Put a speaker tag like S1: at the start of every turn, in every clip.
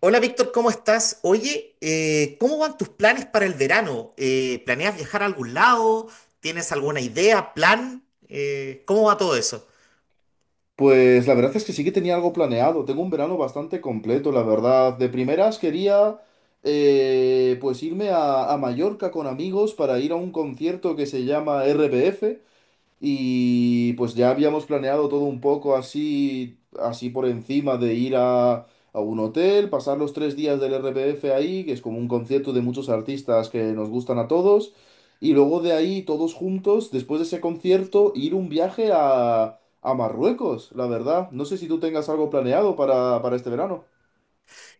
S1: Hola Víctor, ¿cómo estás? Oye, ¿cómo van tus planes para el verano? ¿Planeas viajar a algún lado? ¿Tienes alguna idea, plan? ¿Cómo va todo eso?
S2: Pues la verdad es que sí que tenía algo planeado. Tengo un verano bastante completo, la verdad. De primeras quería pues irme a Mallorca con amigos para ir a un concierto que se llama RBF. Y pues ya habíamos planeado todo un poco así, así por encima de ir a un hotel, pasar los 3 días del RPF ahí, que es como un concierto de muchos artistas que nos gustan a todos, y luego de ahí todos juntos, después de ese concierto, ir un viaje a, Marruecos, la verdad. No sé si tú tengas algo planeado para, este verano.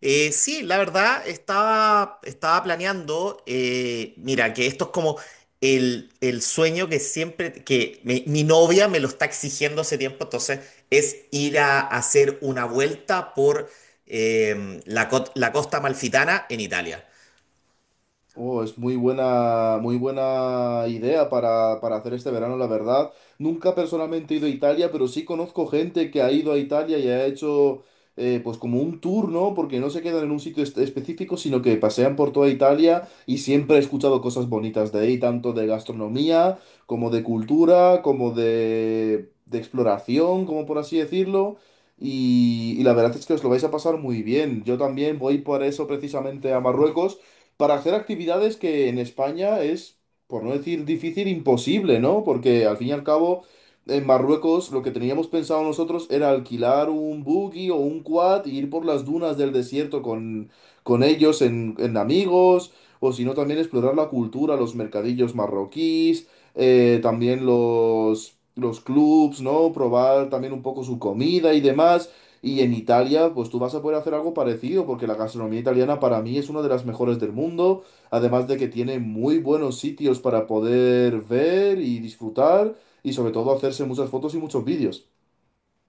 S1: Sí, la verdad, estaba planeando, mira, que esto es como el sueño que siempre, que mi novia me lo está exigiendo hace tiempo, entonces es ir a hacer una vuelta por la costa amalfitana en Italia.
S2: Oh, es muy buena idea para hacer este verano, la verdad. Nunca personalmente he ido a Italia, pero sí conozco gente que ha ido a Italia y ha hecho pues como un tour, ¿no? Porque no se quedan en un sitio específico, sino que pasean por toda Italia y siempre he escuchado cosas bonitas de ahí, tanto de gastronomía, como de cultura, como de exploración, como por así decirlo. Y la verdad es que os lo vais a pasar muy bien. Yo también voy por eso precisamente a Marruecos para hacer actividades que en España es, por no decir difícil, imposible, ¿no? Porque al fin y al cabo, en Marruecos lo que teníamos pensado nosotros era alquilar un buggy o un quad e ir por las dunas del desierto con, ellos en amigos, o si no también explorar la cultura, los mercadillos marroquíes, también los clubs, ¿no? Probar también un poco su comida y demás. Y en Italia, pues tú vas a poder hacer algo parecido, porque la gastronomía italiana para mí es una de las mejores del mundo, además de que tiene muy buenos sitios para poder ver y disfrutar, y sobre todo hacerse muchas fotos y muchos vídeos.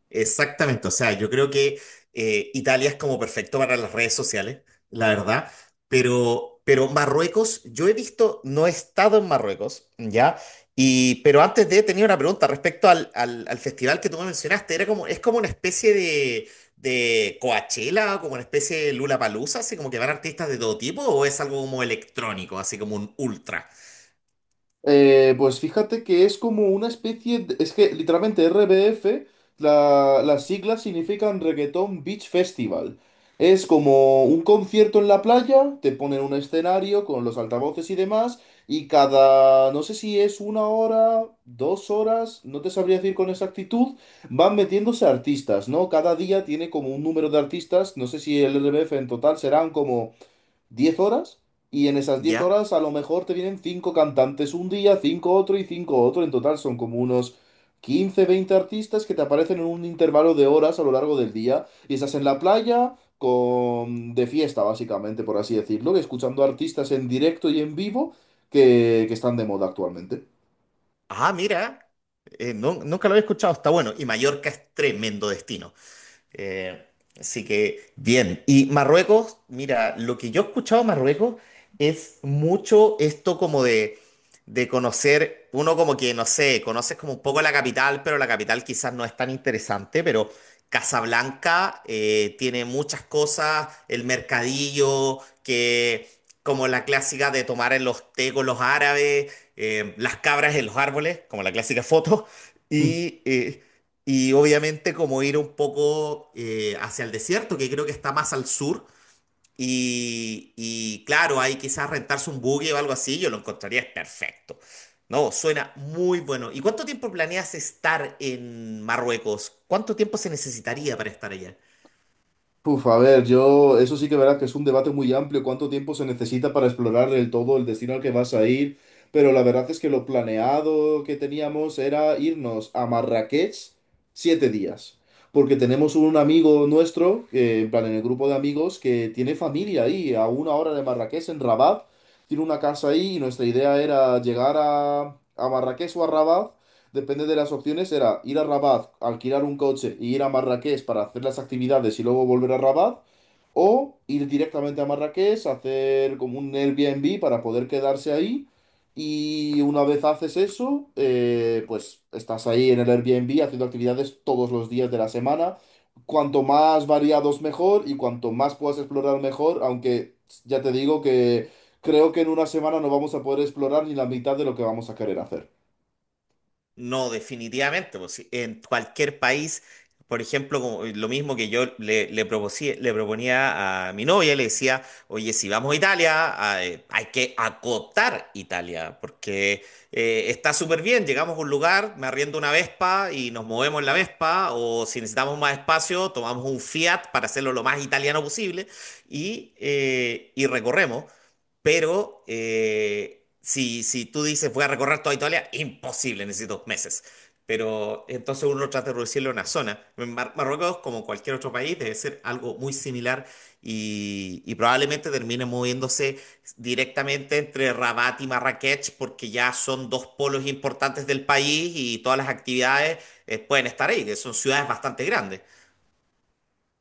S1: Exactamente, o sea, yo creo que Italia es como perfecto para las redes sociales, la verdad, pero Marruecos, yo he visto, no he estado en Marruecos, ¿ya? Y, pero antes de, tenía una pregunta respecto al festival que tú me mencionaste, era como, es como una especie de Coachella, como una especie de Lollapalooza, así como que van artistas de todo tipo, o es algo como electrónico, así como un ultra,
S2: Pues fíjate que es como una especie es que literalmente RBF, las siglas significan Reggaeton Beach Festival. Es como un concierto en la playa, te ponen un escenario con los altavoces y demás, y cada, no sé si es una hora, 2 horas, no te sabría decir con exactitud, van metiéndose artistas, ¿no? Cada día tiene como un número de artistas, no sé si el RBF en total serán como 10 horas y en esas 10
S1: ¿ya?
S2: horas a lo mejor te vienen 5 cantantes un día, 5 otro y 5 otro. En total son como unos 15 20 artistas que te aparecen en un intervalo de horas a lo largo del día y estás en la playa con de fiesta básicamente, por así decirlo, escuchando artistas en directo y en vivo que, están de moda actualmente.
S1: Ah, mira, nunca lo había escuchado, está bueno, y Mallorca es tremendo destino. Eh, Así que bien. Y Marruecos, mira, lo que yo he escuchado de Marruecos es mucho esto como de conocer, uno como que, no sé, conoces como un poco la capital, pero la capital quizás no es tan interesante, pero Casablanca tiene muchas cosas, el mercadillo, que como la clásica de tomar en los té con los árabes, las cabras en los árboles, como la clásica foto. Y eh, y obviamente como ir un poco hacia el desierto, que creo que está más al sur. Y claro, ahí quizás rentarse un buggy o algo así, yo lo encontraría perfecto. No, suena muy bueno. ¿Y cuánto tiempo planeas estar en Marruecos? ¿Cuánto tiempo se necesitaría para estar allá?
S2: Uf, a ver, yo, eso sí que verás que es un debate muy amplio, cuánto tiempo se necesita para explorar del todo el destino al que vas a ir, pero la verdad es que lo planeado que teníamos era irnos a Marrakech 7 días, porque tenemos un amigo nuestro, que, en plan, en el grupo de amigos, que tiene familia ahí, a una hora de Marrakech, en Rabat, tiene una casa ahí, y nuestra idea era llegar a Marrakech o a Rabat depende de las opciones, era ir a Rabat, alquilar un coche y ir a Marrakech para hacer las actividades y luego volver a Rabat, o ir directamente a Marrakech, hacer como un Airbnb para poder quedarse ahí. Y una vez haces eso, pues estás ahí en el Airbnb haciendo actividades todos los días de la semana. Cuanto más variados mejor y cuanto más puedas explorar mejor, aunque ya te digo que creo que en una semana no vamos a poder explorar ni la mitad de lo que vamos a querer hacer.
S1: No, definitivamente, pues, sí, en cualquier país, por ejemplo, como, lo mismo que yo le proponía a mi novia, le decía, oye, si vamos a Italia, ah, hay que acotar Italia, porque está súper bien, llegamos a un lugar, me arriendo una Vespa y nos movemos en la Vespa, o si necesitamos más espacio, tomamos un Fiat para hacerlo lo más italiano posible y recorremos. Pero si tú dices voy a recorrer toda Italia, imposible, necesito meses. Pero entonces uno trata de reducirlo a una zona. En Marruecos, como cualquier otro país, debe ser algo muy similar y probablemente termine moviéndose directamente entre Rabat y Marrakech porque ya son dos polos importantes del país y todas las actividades pueden estar ahí, que son ciudades bastante grandes.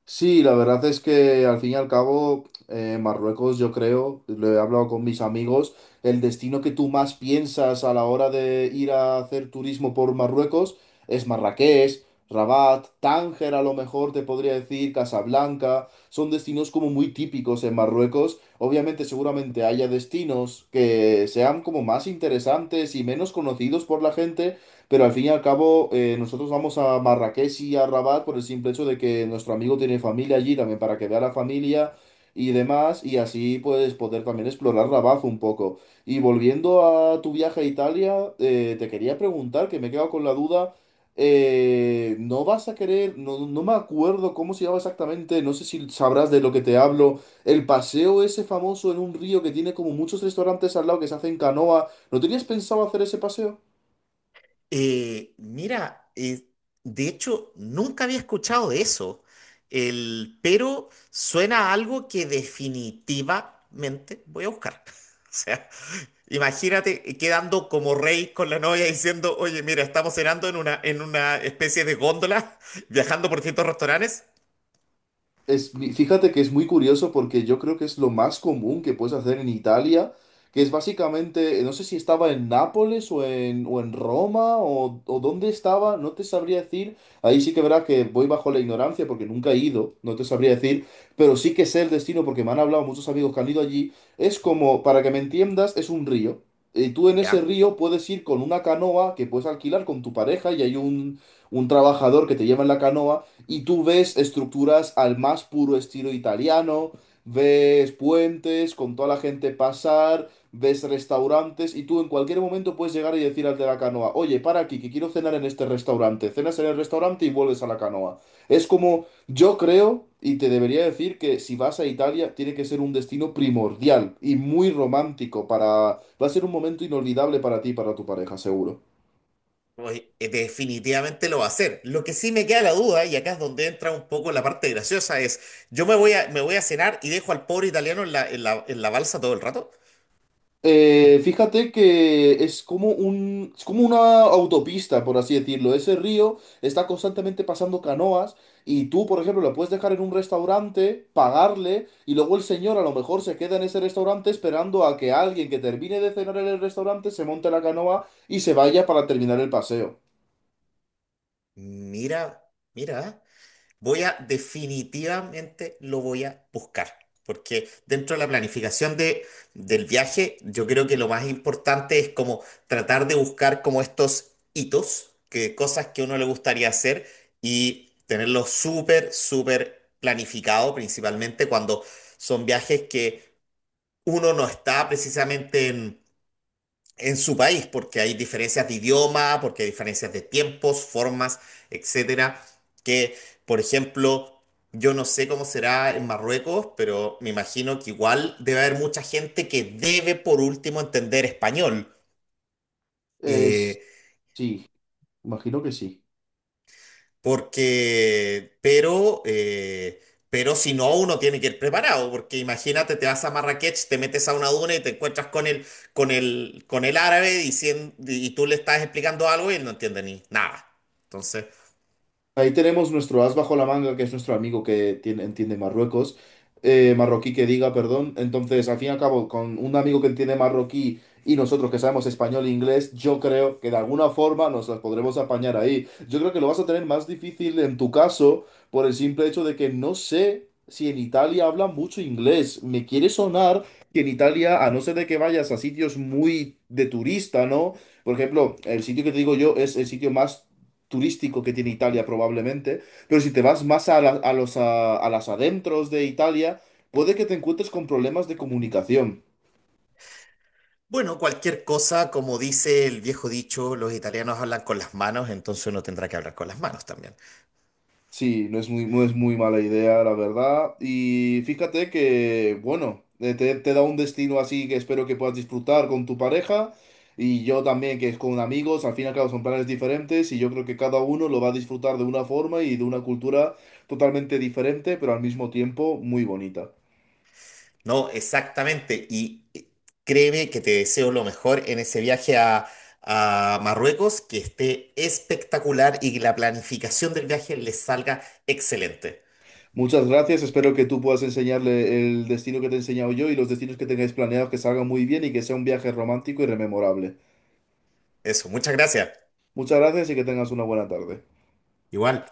S2: Sí, la verdad es que al fin y al cabo, Marruecos, yo creo, lo he hablado con mis amigos, el destino que tú más piensas a la hora de ir a hacer turismo por Marruecos es Marrakech, Rabat, Tánger a lo mejor te podría decir, Casablanca, son destinos como muy típicos en Marruecos. Obviamente, seguramente haya destinos que sean como más interesantes y menos conocidos por la gente, pero al fin y al cabo, nosotros vamos a Marrakech y a Rabat por el simple hecho de que nuestro amigo tiene familia allí también para que vea la familia y demás, y así pues poder también explorar Rabat un poco. Y volviendo a tu viaje a Italia, te quería preguntar, que me he quedado con la duda, ¿no vas a querer, no, no me acuerdo cómo se llama exactamente, no sé si sabrás de lo que te hablo, el paseo ese famoso en un río que tiene como muchos restaurantes al lado que se hace en canoa, ¿no tenías pensado hacer ese paseo?
S1: Mira, de hecho, nunca había escuchado de eso, pero suena a algo que definitivamente voy a buscar. O sea, imagínate quedando como rey con la novia diciendo, oye, mira, estamos cenando en una especie de góndola, viajando por distintos restaurantes.
S2: Es, fíjate que es muy curioso porque yo creo que es lo más común que puedes hacer en Italia, que es básicamente, no sé si estaba en Nápoles o en Roma o dónde estaba, no te sabría decir. Ahí sí que verás que voy bajo la ignorancia porque nunca he ido, no te sabría decir, pero sí que sé el destino porque me han hablado muchos amigos que han ido allí. Es como, para que me entiendas, es un río. Y tú en ese
S1: Ya.
S2: río puedes ir con una canoa que puedes alquilar con tu pareja y hay un, trabajador que te lleva en la canoa y tú ves estructuras al más puro estilo italiano, ves puentes con toda la gente pasar, ves restaurantes y tú en cualquier momento puedes llegar y decir al de la canoa, oye, para aquí, que quiero cenar en este restaurante, cenas en el restaurante y vuelves a la canoa. Es como, yo creo, y te debería decir que si vas a Italia, tiene que ser un destino primordial y muy romántico para. Va a ser un momento inolvidable para ti y para tu pareja, seguro.
S1: Pues definitivamente lo va a hacer. Lo que sí me queda la duda, y acá es donde entra un poco la parte graciosa, es, ¿yo me voy a cenar y dejo al pobre italiano en la, en la, en la balsa todo el rato?
S2: Fíjate que es como un, es como una autopista, por así decirlo. Ese río está constantemente pasando canoas y tú, por ejemplo, lo puedes dejar en un restaurante, pagarle y luego el señor a lo mejor se queda en ese restaurante esperando a que alguien que termine de cenar en el restaurante se monte la canoa y se vaya para terminar el paseo.
S1: Mira, mira. Voy a definitivamente lo voy a buscar, porque dentro de la planificación de, del viaje, yo creo que lo más importante es como tratar de buscar como estos hitos, que cosas que uno le gustaría hacer y tenerlo súper, súper planificado, principalmente cuando son viajes que uno no está precisamente en su país, porque hay diferencias de idioma, porque hay diferencias de tiempos, formas, etcétera, que, por ejemplo, yo no sé cómo será en Marruecos, pero me imagino que igual debe haber mucha gente que debe por último entender español.
S2: Es,
S1: Eh,
S2: sí, imagino que sí.
S1: Porque, pero si no, uno tiene que ir preparado, porque imagínate, te vas a Marrakech, te metes a una duna y te encuentras con el, con el árabe diciendo, y tú le estás explicando algo y él no entiende ni nada. Entonces,
S2: Ahí tenemos nuestro as bajo la manga, que es nuestro amigo que entiende Marruecos, marroquí que diga, perdón. Entonces, al fin y al cabo, con un amigo que entiende marroquí y nosotros que sabemos español e inglés, yo creo que de alguna forma nos las podremos apañar ahí. Yo creo que lo vas a tener más difícil en tu caso por el simple hecho de que no sé si en Italia hablan mucho inglés. Me quiere sonar que en Italia, a no ser de que vayas a sitios muy de turista, ¿no? Por ejemplo, el sitio que te digo yo es el sitio más turístico que tiene Italia probablemente, pero si te vas más a, la- a los, a las adentros de Italia, puede que te encuentres con problemas de comunicación.
S1: bueno, cualquier cosa, como dice el viejo dicho, los italianos hablan con las manos, entonces uno tendrá que hablar con las manos también.
S2: Sí, no es muy mala idea, la verdad. Y fíjate que, bueno, te da un destino así que espero que puedas disfrutar con tu pareja y yo también, que es con amigos, al fin y al cabo son planes diferentes y yo creo que cada uno lo va a disfrutar de una forma y de una cultura totalmente diferente, pero al mismo tiempo muy bonita.
S1: No, exactamente. Y créeme que te deseo lo mejor en ese viaje a Marruecos, que esté espectacular y que la planificación del viaje les salga excelente.
S2: Muchas gracias, espero que tú puedas enseñarle el destino que te he enseñado yo y los destinos que tengáis planeados que salgan muy bien y que sea un viaje romántico y rememorable.
S1: Eso, muchas gracias.
S2: Muchas gracias y que tengas una buena tarde.
S1: Igual.